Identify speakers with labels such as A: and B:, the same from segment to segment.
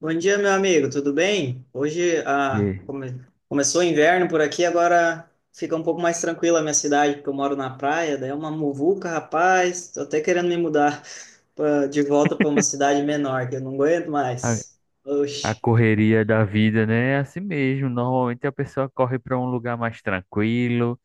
A: Bom dia, meu amigo, tudo bem? Hoje
B: E
A: começou o inverno por aqui, agora fica um pouco mais tranquila a minha cidade, porque eu moro na praia, daí é uma muvuca, rapaz. Tô até querendo me mudar de volta para uma cidade menor, que eu não aguento
B: a,
A: mais.
B: a
A: Oxe,
B: correria da vida, né? É assim mesmo. Normalmente a pessoa corre para um lugar mais tranquilo,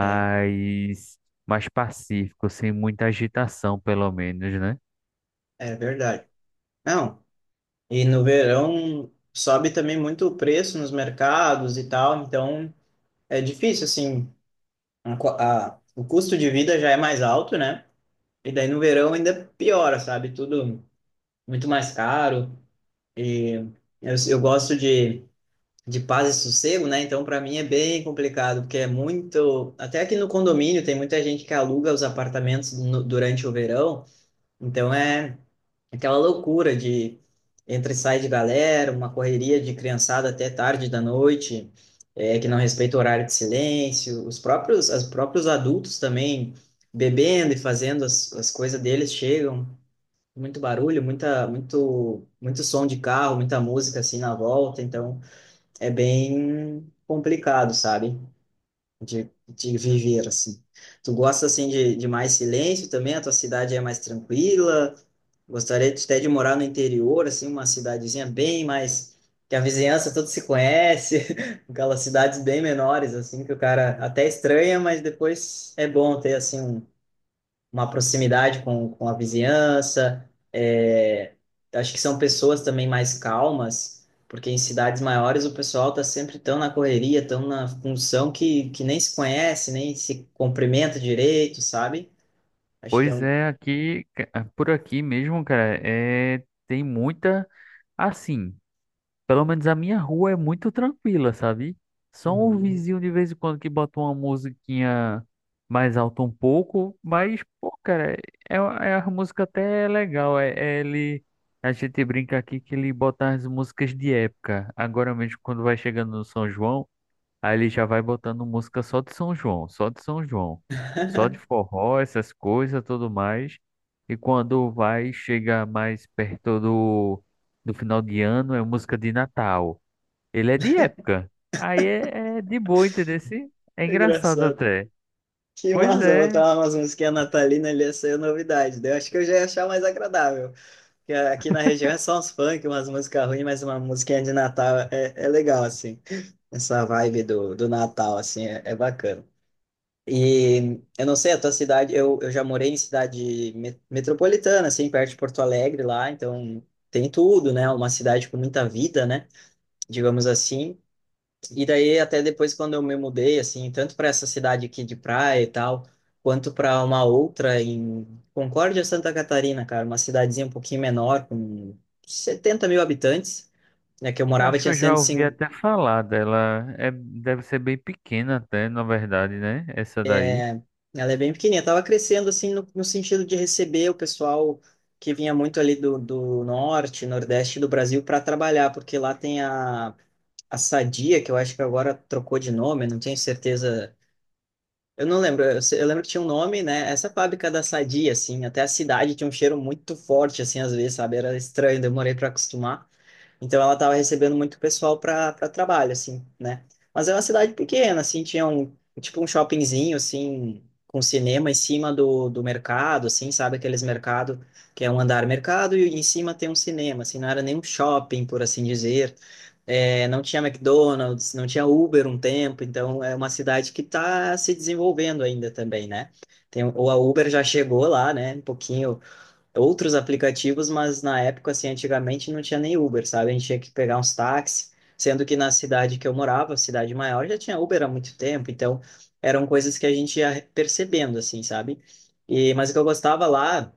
A: é,
B: mais pacífico, sem muita agitação, pelo menos, né?
A: é verdade. Não, e no verão sobe também muito o preço nos mercados e tal, então é difícil, assim, o custo de vida já é mais alto, né? E daí no verão ainda piora, sabe? Tudo, muito mais caro. E eu gosto de paz e sossego, né? Então, para mim é bem complicado, porque é muito. Até aqui no condomínio tem muita gente que aluga os apartamentos durante o verão. Então, é aquela loucura de entra e sai de galera, uma correria de criançada até tarde da noite, é, que não respeita o horário de silêncio, os próprios adultos também bebendo e fazendo as coisas deles chegam muito barulho, muito som de carro, muita música assim na volta, então é bem complicado, sabe? De viver assim. Tu gosta assim de mais silêncio também? A tua cidade é mais tranquila? Até de morar no interior, assim, uma cidadezinha bem mais que a vizinhança toda se conhece, aquelas cidades bem menores assim que o cara até estranha, mas depois é bom ter assim um, uma proximidade com a vizinhança. É, acho que são pessoas também mais calmas, porque em cidades maiores o pessoal está sempre tão na correria, tão na função que nem se conhece, nem se cumprimenta direito, sabe? Acho que é
B: Pois
A: um.
B: é, aqui, por aqui mesmo, cara, é, tem muita. Assim. Pelo menos a minha rua é muito tranquila, sabe? Só um
A: Uhum.
B: vizinho de vez em quando que bota uma musiquinha mais alta um pouco, mas, pô, cara, é, é a música até é legal. É, é ele, a gente brinca aqui que ele bota as músicas de época. Agora mesmo, quando vai chegando no São João. Aí ele já vai botando música só de São João, só de São João, só de forró, essas coisas, tudo mais. E quando vai, chega mais perto do final de ano, é música de Natal. Ele é de época. Aí é, é de boa, entendeu? É
A: É
B: engraçado
A: Engraçado.
B: até.
A: Que
B: Pois
A: massa,
B: é,
A: botar umas musiquinhas natalina ali ia ser novidade, né? Eu acho que eu já ia achar mais agradável. Que Aqui na região é só uns funk, umas músicas ruins, mas uma musiquinha de Natal é, é legal, assim. Essa vibe do Natal, assim, é bacana. E eu não sei, a tua cidade, eu já morei em cidade metropolitana, assim, perto de Porto Alegre lá, então tem tudo, né? Uma cidade com muita vida, né? Digamos assim. E daí, até depois, quando eu me mudei, assim, tanto para essa cidade aqui de praia e tal, quanto para uma outra em Concórdia, Santa Catarina, cara, uma cidadezinha um pouquinho menor, com 70 mil habitantes, né, que eu
B: eu
A: morava,
B: acho que
A: tinha
B: eu já ouvi
A: 105,
B: até falar dela. É, deve ser bem pequena até, na verdade, né? Essa daí.
A: ela é bem pequenininha, tava crescendo, assim, no, no sentido de receber o pessoal que vinha muito ali do, do norte, nordeste do Brasil para trabalhar, porque lá tem a Sadia, que eu acho que agora trocou de nome, eu não tenho certeza. Eu não lembro, eu, eu lembro que tinha um nome, né? Essa fábrica da Sadia, assim, até a cidade tinha um cheiro muito forte, assim, às vezes, sabe? Era estranho, demorei para acostumar. Então ela estava recebendo muito pessoal para trabalho, assim, né? Mas é uma cidade pequena, assim, tinha um tipo um shoppingzinho, assim, com cinema em cima do mercado, assim, sabe? Aqueles mercado que é um andar mercado e em cima tem um cinema, assim, não era nem um shopping, por assim dizer. É, não tinha McDonald's, não tinha Uber um tempo, então é uma cidade que está se desenvolvendo ainda também, né? Tem, ou a Uber já chegou lá, né? Um pouquinho outros aplicativos, mas na época, assim, antigamente não tinha nem Uber, sabe? A gente tinha que pegar uns táxis, sendo que na cidade que eu morava, cidade maior, já tinha Uber há muito tempo, então eram coisas que a gente ia percebendo, assim, sabe? E, mas o que eu gostava lá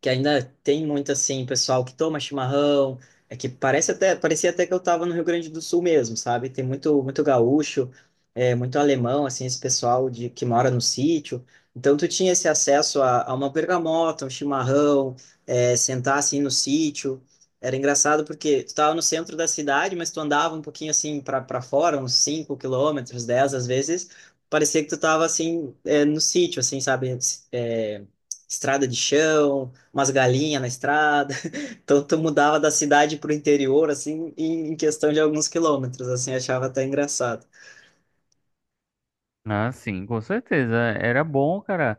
A: que ainda tem muito assim, pessoal que toma chimarrão, é que parece até, parecia até que eu estava no Rio Grande do Sul mesmo, sabe? Tem muito, muito gaúcho, é, muito alemão, assim, esse pessoal de que mora no sítio. Então tu tinha esse acesso a uma bergamota, um chimarrão, é, sentar assim no sítio. Era engraçado porque tu estava no centro da cidade, mas tu andava um pouquinho assim para fora, uns 5 quilômetros, 10 às vezes, parecia que tu estava assim é, no sítio, assim, sabe? É, estrada de chão, umas galinhas na estrada. Então tu mudava da cidade para o interior, assim, em questão de alguns quilômetros, assim, achava até engraçado.
B: Ah, sim, com certeza. Era bom, cara.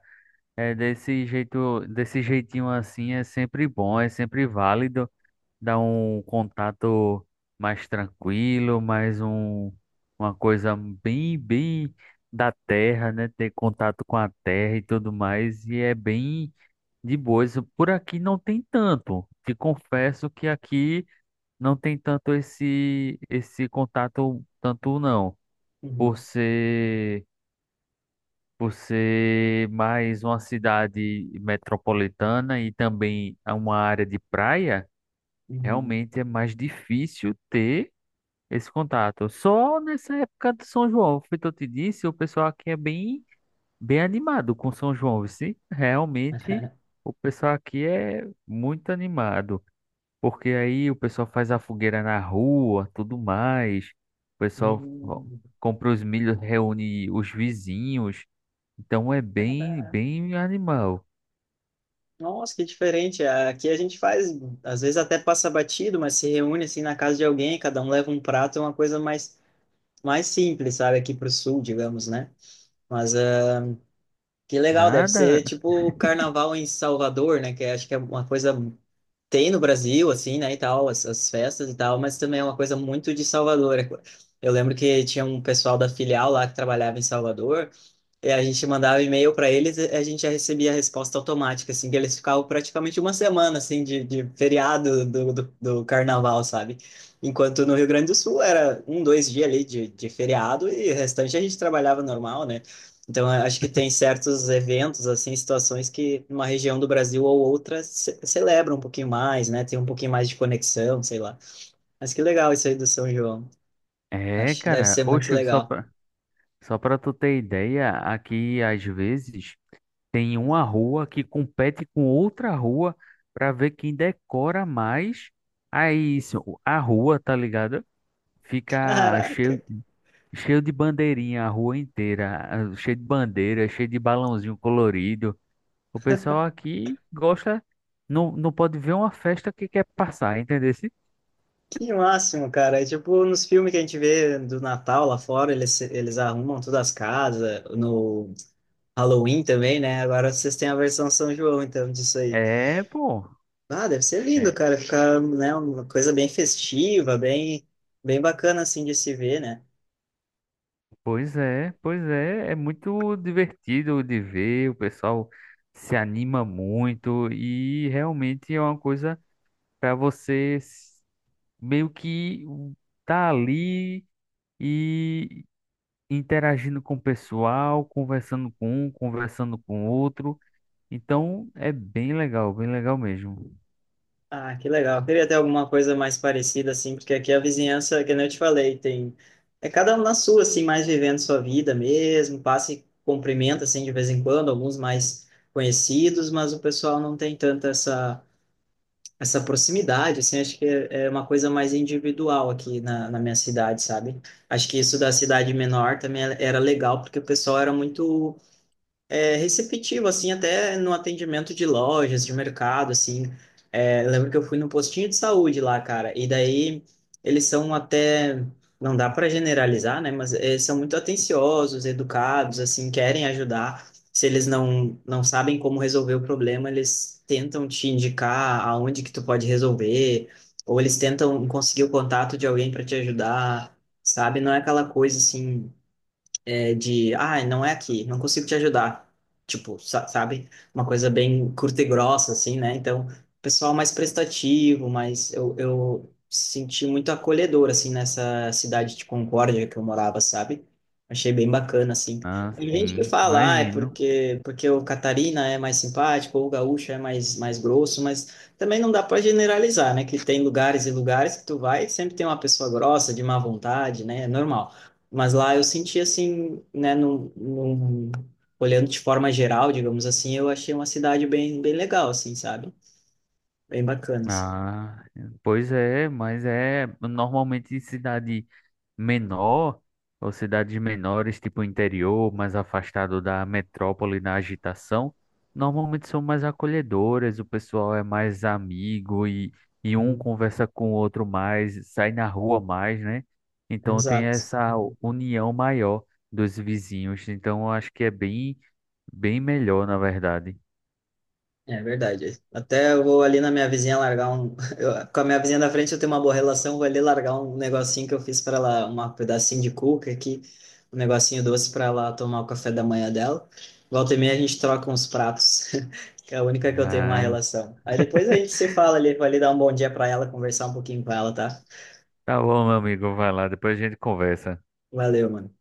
B: É desse jeito, desse jeitinho assim é sempre bom, é sempre válido, dá um contato mais tranquilo, mais um, uma coisa bem, bem da terra, né? Ter contato com a terra e tudo mais, e é bem de boa. Isso por aqui não tem tanto. Te confesso que aqui não tem tanto esse, esse contato, tanto não, por
A: Uhum,
B: ser por ser mais uma cidade metropolitana e também é uma área de praia,
A: uhum.
B: realmente é mais difícil ter esse contato. Só nessa época de São João, foi o que eu te disse, o pessoal aqui é bem, bem animado com São João, sim. Realmente o pessoal aqui é muito animado, porque aí o pessoal faz a fogueira na rua, tudo mais. O pessoal ó,
A: Hum,
B: compra os milhos, reúne os vizinhos. Então é bem,
A: cara,
B: bem animal.
A: Nossa, que diferente. Aqui a gente faz, às vezes até passa batido, mas se reúne assim na casa de alguém, cada um leva um prato, é uma coisa mais, mais simples, sabe? Aqui pro sul, digamos, né? Mas ah, que legal, deve ser
B: Nada.
A: tipo o carnaval em Salvador, né? Que acho que é uma coisa tem no Brasil, assim, né, e tal, as festas e tal, mas também é uma coisa muito de Salvador. Eu lembro que tinha um pessoal da filial lá que trabalhava em Salvador, e a gente mandava e-mail para eles, e a gente já recebia a resposta automática, assim, que eles ficavam praticamente uma semana, assim, de feriado do carnaval, sabe? Enquanto no Rio Grande do Sul era um, dois dias ali de feriado e o restante a gente trabalhava normal, né? Então, eu acho que tem certos eventos, assim, situações que uma região do Brasil ou outra ce celebra um pouquinho mais, né? Tem um pouquinho mais de conexão, sei lá. Mas que legal isso aí do São João.
B: É,
A: Acho que deve
B: cara.
A: ser muito
B: Oxe,
A: legal.
B: só pra tu ter ideia, aqui às vezes tem uma rua que compete com outra rua pra ver quem decora mais. Aí isso, a rua, tá ligado? Fica
A: Caraca!
B: cheio, cheio de bandeirinha a rua inteira, ah, cheio de bandeira, cheio de balãozinho colorido. O pessoal aqui gosta, não pode ver uma festa que quer passar, entendeu?
A: Que máximo, cara. É tipo nos filmes que a gente vê do Natal lá fora, eles arrumam todas as casas, no Halloween também, né? Agora vocês têm a versão São João, então, disso aí.
B: É, pô.
A: Ah, deve ser lindo,
B: É,
A: cara. Ficar, né, uma coisa bem festiva, bem, bem bacana, assim, de se ver, né?
B: pois é, pois é, é muito divertido de ver, o pessoal se anima muito e realmente é uma coisa para meio que tá ali e interagindo com o pessoal, conversando com um, conversando com outro. Então é bem legal mesmo.
A: Ah, que legal. Eu queria ter alguma coisa mais parecida, assim, porque aqui a vizinhança, que nem eu te falei, tem. É cada um na sua, assim, mais vivendo sua vida mesmo, passa e cumprimenta, assim, de vez em quando, alguns mais conhecidos, mas o pessoal não tem tanta essa, essa proximidade, assim, acho que é uma coisa mais individual aqui na minha cidade, sabe? Acho que isso da cidade menor também era legal, porque o pessoal era muito é, receptivo, assim, até no atendimento de lojas, de mercado, assim. É, eu lembro que eu fui no postinho de saúde lá, cara, e daí eles são até, não dá para generalizar, né, mas eles são muito atenciosos, educados, assim, querem ajudar. Se eles não, não sabem como resolver o problema, eles tentam te indicar aonde que tu pode resolver, ou eles tentam conseguir o contato de alguém para te ajudar, sabe? Não é aquela coisa assim é, de, ah, não é aqui, não consigo te ajudar. Tipo, sabe? Uma coisa bem curta e grossa, assim, né? Então, pessoal mais prestativo, mas eu senti muito acolhedor, assim, nessa cidade de Concórdia que eu morava, sabe? Achei bem bacana, assim.
B: Ah,
A: Tem gente que
B: sim,
A: fala, ah, é
B: imagino.
A: porque, porque o Catarina é mais simpático, ou o Gaúcho é mais, mais grosso, mas também não dá para generalizar, né? Que tem lugares e lugares que tu vai e sempre tem uma pessoa grossa, de má vontade, né? É normal. Mas lá eu senti assim, né, olhando de forma geral, digamos assim, eu achei uma cidade bem, bem legal, assim, sabe? Bem bacana, assim.
B: Ah, pois é, mas é normalmente em cidade menor ou cidades menores, tipo interior, mais afastado da metrópole, da agitação, normalmente são mais acolhedoras, o pessoal é mais amigo e um
A: Uhum.
B: conversa com o outro mais, sai na rua mais, né? Então tem
A: Exato.
B: essa união maior dos vizinhos, então eu acho que é bem, bem melhor, na verdade.
A: É verdade. Até eu vou ali na minha vizinha largar um. Com a minha vizinha da frente eu tenho uma boa relação, vou ali largar um negocinho que eu fiz para ela, um pedacinho de cuca aqui, um negocinho doce para ela tomar o café da manhã dela. Volta e meia a gente troca uns pratos, que é a única que eu tenho uma
B: Ah,
A: relação. Aí depois a gente se fala ali, vou ali dar um bom dia para ela, conversar um pouquinho com ela, tá?
B: tá bom, meu amigo, vai lá, depois a gente conversa.
A: Valeu, mano.